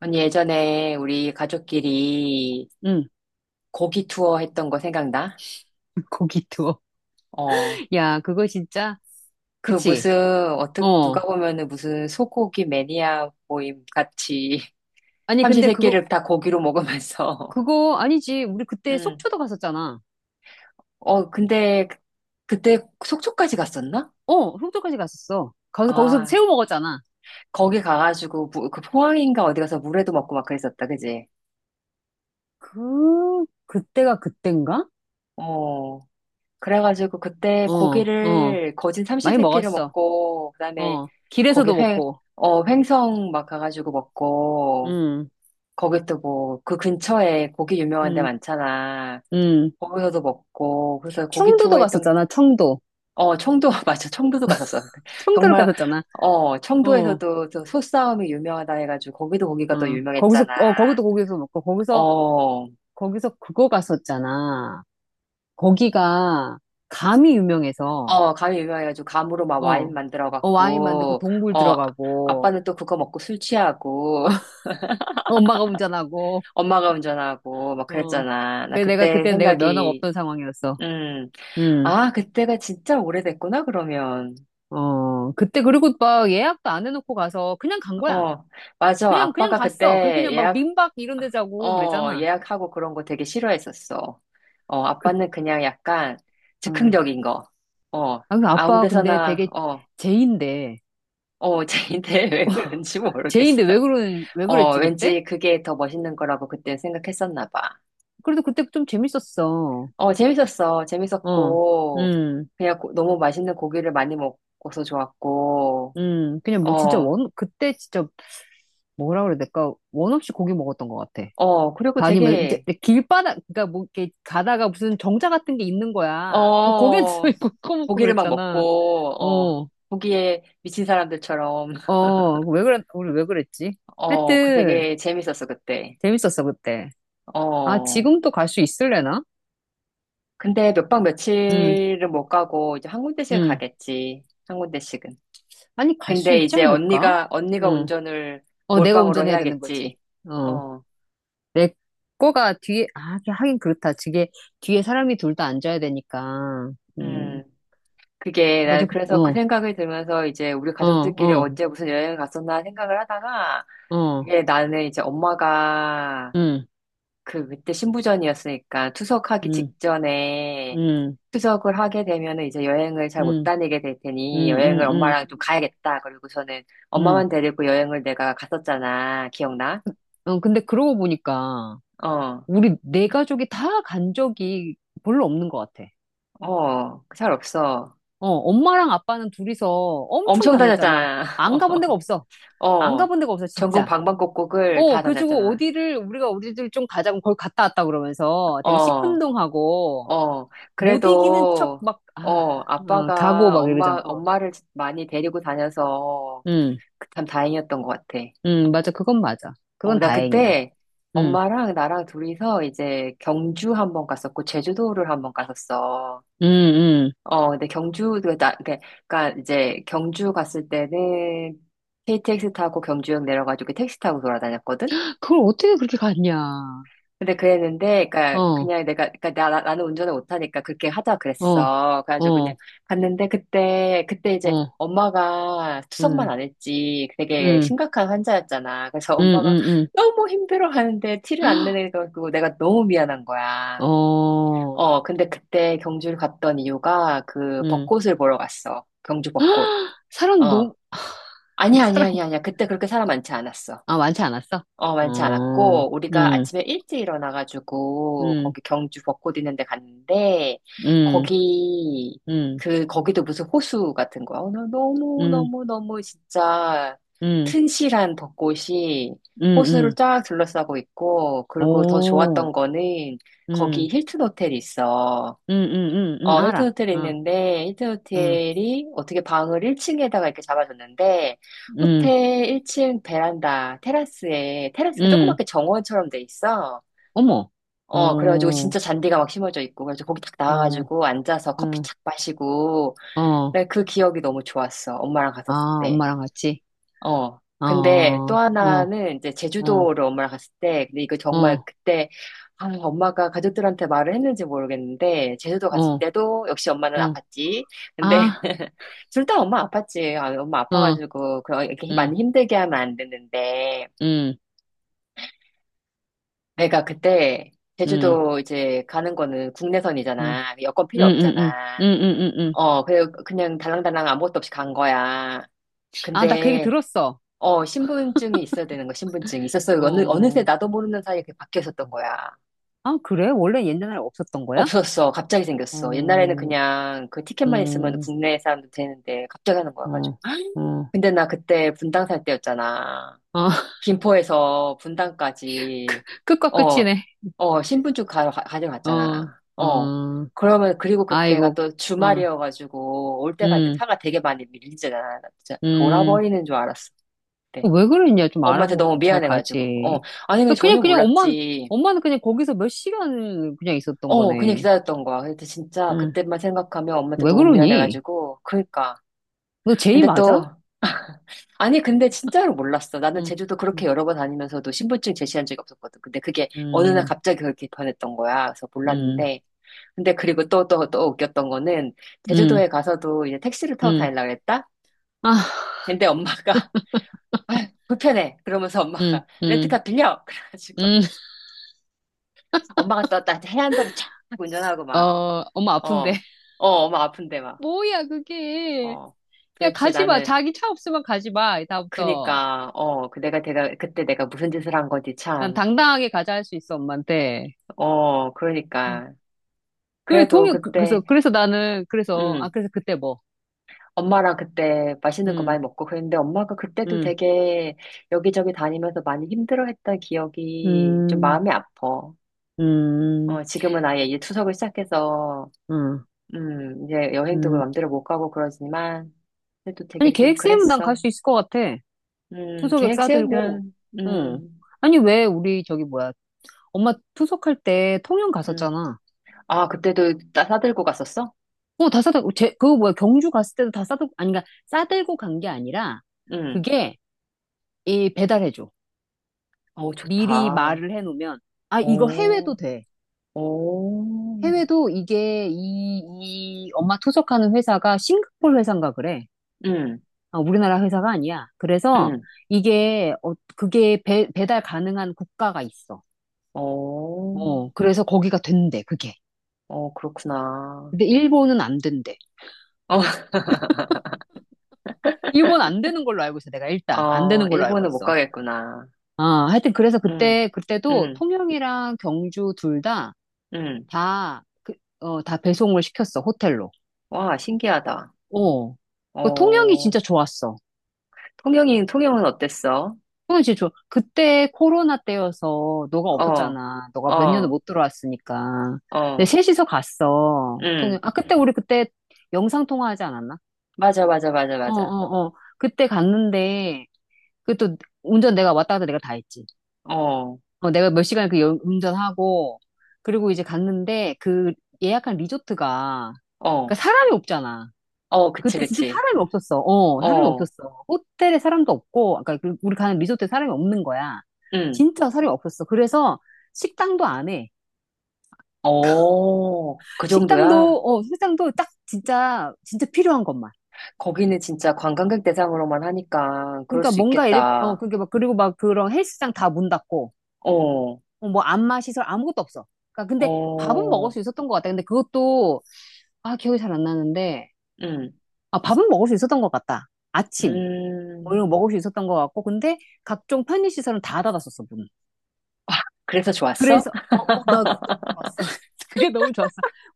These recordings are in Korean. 언니 예전에 우리 가족끼리 응, 고기 투어 했던 거 생각나? 고기 투어. 어, 야, 그거 진짜, 그 그치? 무슨 어떻게 누가 어. 보면은 무슨 소고기 매니아 모임 같이 아니, 근데 그거, 삼시세끼를 다 고기로 먹으면서. 그거 아니지. 우리 그때 응. 속초도 갔었잖아. 어, 그때 속초까지 갔었나? 어, 속초까지 갔었어. 거기서 아, 새우 먹었잖아. 거기 가가지고 그 포항인가 어디 가서 물회도 먹고 막 그랬었다, 그지? 그때가 그땐가? 어. 그래가지고 그때 어, 어. 고기를 거진 많이 삼시세끼를 먹었어. 먹고 그다음에 어. 거기 길에서도 횡, 먹고. 어, 횡성 막 가가지고 먹고 응, 거기 또 뭐 그 근처에 고기 유명한 데 응, 많잖아. 응. 거기서도 먹고 그래서 고기 투어 청도도 했던 그, 갔었잖아, 청도. 어 청도 맞아 청도도 갔었어. 청도를 정말 갔었잖아. 어 어, 어. 청도에서도 저 소싸움이 유명하다 해가지고 거기도 고기가 또 거기서, 유명했잖아. 어, 거기도 거기서 먹고, 거기서, 어 그거 갔었잖아. 거기가 감이 유명해서, 어, 감이 유명해가지고, 감으로 막 와인 어, 어, 와인 만들고 만들어갖고, 동굴 들어가고, 아빠는 또 그거 먹고 술 취하고, 어, 엄마가 운전하고, 엄마가 운전하고, 막 어, 그랬잖아. 나 그래 내가 그때 그때 내가 면허가 생각이, 없던 상황이었어. 음, 음, 아, 그때가 진짜 오래됐구나, 그러면. 어, 그때 그리고 막 예약도 안 해놓고 가서 그냥 간 거야. 어, 맞아. 그냥 갔어. 그 그냥 막 민박 이런 데 자고 어, 그랬잖아. 예약하고 그런 거 되게 싫어했었어. 어, 그, 아빠는 그냥 약간 어. 즉흥적인 거. 어, 아, 근데 아무 아빠 근데 데서나, 되게 어, 제인데, 어, 쟤인데 왜 그런지 모르겠어. 왜 그런, 왜 어, 그랬지 그때? 왠지 그게 더 멋있는 거라고 그때 생각했었나 봐. 그래도 그때 좀 재밌었어. 어, 재밌었어. 어, 재밌었고, 음. 너무 맛있는 고기를 많이 먹어서 좋았고, 그냥 뭐 진짜 어, 원 그때 진짜 뭐라 그래? 내가 원 없이 고기 먹었던 것 같아. 어, 그리고 다 아니면 이제 되게, 길바닥, 그러니까 뭐 이렇게 가다가 무슨 정자 같은 게 있는 거야. 그 고기한테 어, 있고 커먹고 고기를 막 그랬잖아. 먹고, 어, 어, 고기에 미친 사람들처럼, 어, 왜 그랬, 우리 왜 그랬지? 어, 그 하여튼 되게 재밌었어, 그때. 재밌었어 그때. 아 어, 지금도 갈 수 있을래나? 근데 몇 박 응, 며칠은 못 가고, 이제 한 군데씩 응. 가겠지. 한 군데씩은. 아니 갈 수 근데 있지 이제 않을까? 언니가 응. 운전을 어, 내가 몰빵으로 운전해야 되는 해야겠지. 거지. 어, 어, 내 거가 뒤에 아 하긴 그렇다. 저게 뒤에 사람이 둘 다 앉아야 되니까. 음, 음. 그게, 먼저 난 그- 그래서 그 어. 생각이 들면서 이제 우리 어, 가족들끼리 어, 언제 무슨 여행을 갔었나 생각을 하다가, 어, 이게 나는 이제 엄마가 응, 그때 신부전이었으니까 투석하기 응, 직전에 응, 투석을 하게 되면은 이제 여행을 잘 못 응, 다니게 될 응, 테니 여행을 응, 응, 엄마랑 좀 가야겠다. 그리고 저는 응. 엄마만 데리고 여행을 내가 갔었잖아. 기억나? 어, 근데 그러고 보니까 어, 우리 네 가족이 다 간 적이 별로 없는 것 같아. 어, 잘 없어. 어, 엄마랑 아빠는 둘이서 엄청 엄청 다녔잖아. 다녔잖아. 안 가본 데가 없어. 어, 안 어. 가본 데가 없어, 전국 진짜. 방방곡곡을 어, 다 그래가지고 다녔잖아. 어디를, 우리가 어디를 좀 가자고 거기 갔다 왔다 그러면서 되게 어, 시큰둥하고 어. 못 이기는 척 그래도, 막, 아, 어, 어, 가고 막 이러잖아. 어. 엄마를 많이 데리고 다녀서 응, 그 참 다행이었던 것 같아. 응, 맞아. 그건 맞아. 어, 그건 나 다행이야. 그때 응. 엄마랑 나랑 둘이서 이제 경주 한 번 갔었고, 제주도를 한 번 갔었어. 음, 음. 어, 근데 경주 그 나, 그러니까 이제 경주 갔을 때는 KTX 타고 경주역 내려가지고 택시 타고 돌아다녔거든? 그걸 어떻게 그렇게 갔냐. 근데 그랬는데, 어, 그니까, 어, 그냥 내가, 그니까, 나, 나- 나는 운전을 못하니까 그렇게 하자 그랬어. 그래가지고 그냥 어, 갔는데, 그때 이제 어, 엄마가 투석만 음, 안 했지. 되게 음, 심각한 환자였잖아. 그래서 음, 엄마가 음, 너무 힘들어 하는데 티를 안 내내가지고 내가 너무 미안한 거야. 어, 어, 근데 그때 경주를 갔던 이유가 그 음. 벚꽃을 보러 갔어. 경주 벚꽃. 사람 어. 너무, 아니야, 아니야, 사람, 아니야, 아니야. 그때 그렇게 사람 많지 않았어. 아, 많지 않았어? 어, 많지 어, 않았고, 우리가 음, 아침에 일찍 일어나가지고, 음, 거기 경주 벚꽃 있는 데 갔는데, 음, 거기, 음, 거기도 무슨 호수 같은 거야. 오늘 음, 너무너무너무 진짜 음, 튼실한 벚꽃이 음, 호수를 음. 쫙 둘러싸고 있고, 그리고 더 좋았던 오, 거는, 거기 음, 힐튼 호텔이 있어. 어, 힐튼 알아. 호텔이 어, 있는데, 힐튼 음, 호텔이 어떻게 방을 1층에다가 이렇게 잡아줬는데, 음, 호텔 1층 베란다, 테라스에, 테라스가 음. 조그맣게 정원처럼 돼 있어. 어머. 어, 그래가지고 어, 진짜 잔디가 막 심어져 있고, 그래서 거기 딱 어, 나와가지고 앉아서 커피 어, 착 마시고, 어. 내그 기억이 너무 좋았어. 엄마랑 아, 갔었을 때. 엄마랑 같이. 어. 어, 근데 또 어. 하나는 이제 어, 제주도를 엄마랑 갔을 때, 근데 이거 정말 어, 그때, 아, 엄마가 가족들한테 말을 했는지 모르겠는데, 제주도 갔을 어, 때도 역시 엄마는 어. 아팠지. 아, 근데, 둘 다 엄마 아팠지. 아, 엄마 어, 아파가지고, 그, 렇게 응, 많이 힘들게 하면 안 되는데, 응, 내가 그때, 응, 제주도 이제 가는 거는 응, 국내선이잖아. 여권 응, 필요 응, 응, 없잖아. 응, 응, 응. 어, 그래, 그냥 달랑달랑 아무것도 없이 간 거야. 아, 나 그 얘기 근데, 들었어. 어, 신분증이 있어야 되는 거, 신분증이 있었어요. 어, 어느새 어. 나도 모르는 사이에 그게 바뀌어 있었던 거야. 아, 그래? 원래 옛날에 없었던 거야? 없었어. 갑자기 생겼어. 옛날에는 음, 그냥 그 티켓만 있으면 음, 국내 사람도 되는데 갑자기 하는 거야 가지고. 어, 어, 근데 나 그때 분당 살 때였잖아. 어, 김포에서 분당까지 끝과 어, 끝이네. 어, 어, 가져갔잖아. 어. 어, 그러면 그리고 그때가 아이고, 또 어, 주말이어가지고 올 때 갈 때 음, 차가 되게 많이 밀리잖아. 나 진짜 음. 돌아버리는 줄 알았어. 왜 그랬냐? 좀 엄마한테 알아보고 너무 좀 잘 미안해가지고. 어. 가지. 아니, 그냥 그냥, 전혀 그냥 엄마, 몰랐지. 엄마는 그냥 거기서 몇 시간 그냥 있었던 어, 그냥 거네. 기다렸던 거야. 근데 진짜 응. 그때만 생각하면 엄마한테 왜 너무 그러니? 미안해가지고. 그니까. 너 제이 근데 또, 맞아? 아니, 근데 진짜로 몰랐어. 나는 응 제주도 그렇게 응 여러 번 다니면서도 신분증 제시한 적이 없었거든. 근데 그게 어느 날 응 갑자기 그렇게 변했던 거야. 그래서 응 몰랐는데. 근데 그리고 또 웃겼던 거는 응 제주도에 가서도 이제 택시를 타고 응. 다니려고 그랬다? 아, 근데 엄마가, 아 불편해. 그러면서 응 엄마가 응 렌트카 빌려! 그래가지고. 응 엄마가 떴다. 해안도로 쫙 운전하고 막, 어, 엄마 어, 아픈데. 어, 엄마 아픈데 막, 뭐야, 그게. 어. 야, 도대체 가지 마. 나는, 자기 차 없으면 가지 마. 다음부터. 그니까, 어, 그때 내가 무슨 짓을 한 거지, 난 참. 당당하게 가자 할 수 있어, 엄마한테. 어, 응. 그러니까. 그 그래도 동의, 그- 그래서, 그때, 그래서 나는, 그래서, 아, 음 그래서 그때 뭐. 엄마랑 그때 맛있는 거 많이 응 먹고 그랬는데 엄마가 그때도 응 되게 여기저기 다니면서 많이 힘들어했던 기억이 좀 마음이 응 아파. 어, 응 지금은 아예 이제 추석을 시작해서, 응 이제 여행도 응 맘대로 못 가고 그러지만, 그래도 아니, 되게 좀 계획 세우면 난갈 그랬어. 수 있을 것 같아. 투석액 계획 싸들고. 세우면, 응. 아니, 왜 우리 저기 뭐야. 엄마 투석할 때 통영 음. 갔었잖아. 아, 싸들고 갔었어? 어, 다 싸다, 제, 그거 뭐야, 경주 갔을 때도 다 싸들, 아니, 그러니까 싸들고 간 게 아니라, 음. 그게, 이, 배달해줘. 어, 미리 좋다. 말을 해놓으면, 아, 이거 해외도 오, 돼. 오, 해외도 이게, 이 엄마 투석하는 회사가 싱가포르 회사인가 그래. 음, 아, 우리나라 회사가 아니야. 그래서, 음. 이게, 어, 그게 배달 가능한 국가가 있어. 오, 어, 그래서 거기가 된대, 그게. 어, 그렇구나. 근데 일본은 안 된대. 어, 일본 안 되는 걸로 알고 있어, 내가 일단. 안 어, 되는 걸로 알고 일본은 못 있어. 가겠구나. 아, 하여튼 그래서 음, 그때, 그때도 음, 통영이랑 경주 둘 다, 음. 다, 그, 어, 다 배송을 시켰어, 호텔로. 와, 신기하다. 어. 그 통영이 어, 진짜 좋았어. 통영이, 통영은 어땠어? 통영 진짜 좋아. 그때 코로나 때여서 너가 어, 없었잖아. 너가 몇 년을 어, 못 들어왔으니까. 근데 어, 셋이서 갔어, 통영. 음. 아, 그때 우리 그때 영상 통화하지 않았나? 맞아, 맞아, 맞아, 어, 맞아. 어, 어. 그때 갔는데, 그 또 운전 내가 왔다 갔다 내가 다 했지. 어, 어, 내가 몇 시간 그 여- 운전하고, 그리고 이제 갔는데, 그 예약한 리조트가, 그니까 어. 사람이 없잖아. 어, 그치, 그때 진짜 그치. 사람이 없었어. 어, 사람이 어, 없었어. 호텔에 사람도 없고, 아까 그 우리 가는 리조트에 사람이 없는 거야. 응. 진짜 사람이 없었어. 그래서 식당도 안 해. 어, 그 정도야? 식당도, 어, 식당도 딱 진짜, 진짜 필요한 것만. 거기는 진짜 관광객 대상으로만 하니까 그럴 그러니까 수 뭔가 이렇게, 어, 있겠다. 그게 막, 그리고 막 그런 헬스장 다 문 닫고, 어, 어, 뭐 안마 시설 아무것도 없어. 그러니까 근데 밥은 먹을 어, 수 있었던 것 같다 근데 그것도 아 기억이 잘 안 나는데 응, 아 밥은 먹을 수 있었던 것 같다. 아침 뭐 이런 음. 거 먹을 수 있었던 것 같고 근데 각종 편의 시설은 다 닫았었어 문. 그래서 좋았어? 그래서 어어나 그거 너무 좋았어. 그게 너무 좋았어.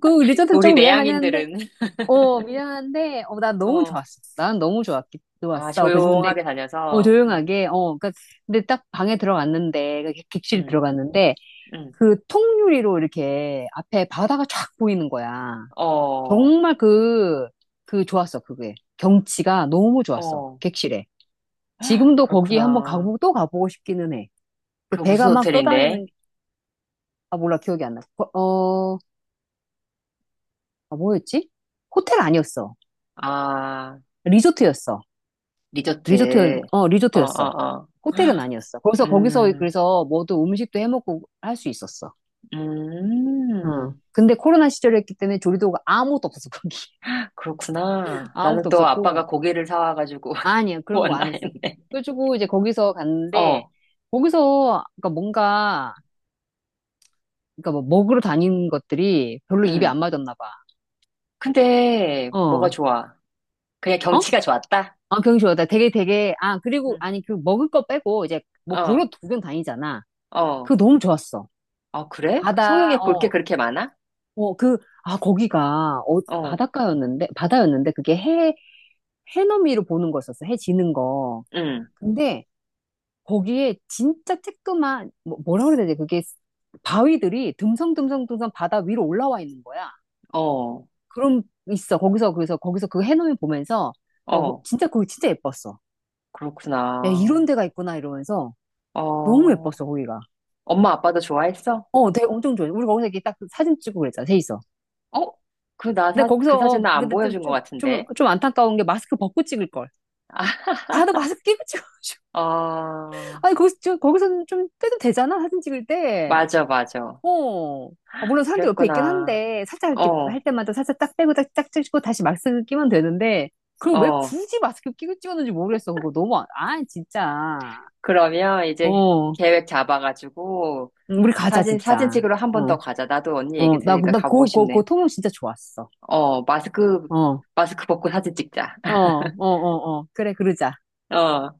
그 리조트 우리 조금 미안하긴 한데 내향인들은. 어 미안한데 어나 너무 어, 좋았어. 난 너무 좋았기 아, 좋았어. 그래서 근데 조용하게 어 다녀서. 응, 조용하게 어 그러니까 근데 딱 방에 들어갔는데 그 객실 응, 들어갔는데 응. 그 통유리로 이렇게 앞에 바다가 쫙 보이는 거야. 어, 정말 그, 그 좋았어, 그게. 경치가 너무 좋았어, 어, 객실에. 지금도 거기 한번 그렇구나. 가보고 또 가보고 싶기는 해. 그 그 배가 무슨 막 호텔인데? 떠다니는, 게- 아, 몰라, 기억이 안 나. 어, 어, 아, 뭐였지? 호텔 아니었어. 아, 리조트였어. 리조트, 리조트. 어, 어, 리조트였어. 어, 어. 호텔은 아니었어. 거기서, 거기서, 음, 그래서 모두 음식도 해먹고 할 수 있었어. 응. 음. 근데 코로나 시절이었기 때문에 조리도가 아무것도 없었어, 거기. 그렇구나. 나는 아무것도 또 아빠가 없었고. 고기를 사와가지고 아니요, 그런 거 구웠나 안 했어. 했네. 그래가지고 이제 거기서 갔는데, 어, 거기서, 그러니까 뭔가, 그러니까 뭐 먹으러 다니는 것들이 별로 입에 응. 안 맞았나 봐. 근데 뭐가 어, 좋아? 그냥 어? 경치가 좋았다? 아, 경주하다 되게 되게, 아, 그리고, 응. 아니, 그 먹을 거 빼고 이제 뭐 어, 보러 구경 다니잖아. 어. 그거 너무 좋았어. 아, 그래? 바다, 송영에 볼 게 어, 그렇게 많아? 어, 그, 아, 거기가, 어, 어, 바닷가였는데, 바다였는데, 그게 해, 해넘이로 보는 거였었어. 해 지는 거. 응. 근데, 거기에 진짜 쬐끄만, 뭐, 뭐라 그래야 되지? 그게 바위들이 듬성듬성듬성 바다 위로 올라와 있는 거야. 어, 그럼 있어. 거기서, 그래서, 거기서 그 해넘이 보면서, 막, 어, 그 어. 진짜, 거기 진짜 예뻤어. 야, 그렇구나. 이런 데가 있구나, 이러면서. 너무 어, 예뻤어, 거기가. 엄마 아빠도 좋아했어? 어, 되게 엄청 좋아. 우리 거기서 이렇게 딱 사진 찍고 그랬잖아, 세 있어. 어? 근데 그 거기서, 사진 어, 나 안 근데 좀, 보여준 것 좀, 좀, 같은데. 좀 안타까운 게 마스크 벗고 찍을 걸. 아, 다들 마스크 끼고 찍어. 어, 아니, 거기서, 저- 거기서는 좀 떼도 되잖아, 사진 찍을 때. 맞아, 맞아. 어. 아, 물론 사람들 옆에 있긴 그랬구나. 한데, 살짝 이렇게 어, 할 때마다 살짝 딱 빼고 딱, 딱 찍고 다시 마스크 끼면 되는데, 그걸 왜 어. 굳이 마스크 끼고 찍었는지 모르겠어. 그거 너무, 아 아, 진짜. 그러면 이제 어, 계획 잡아가지고 우리 가자, 사진, 사진 진짜. 찍으러 한 어, 번 더 가자. 나도 언니 얘기 어, 나, 들으니까 나, 가보고 그, 그, 싶네. 그 통영 진짜 좋았어. 어, 마스크, 어, 어, 마스크 벗고 사진 찍자. 어, 어, 어. 그래, 그러자. 어.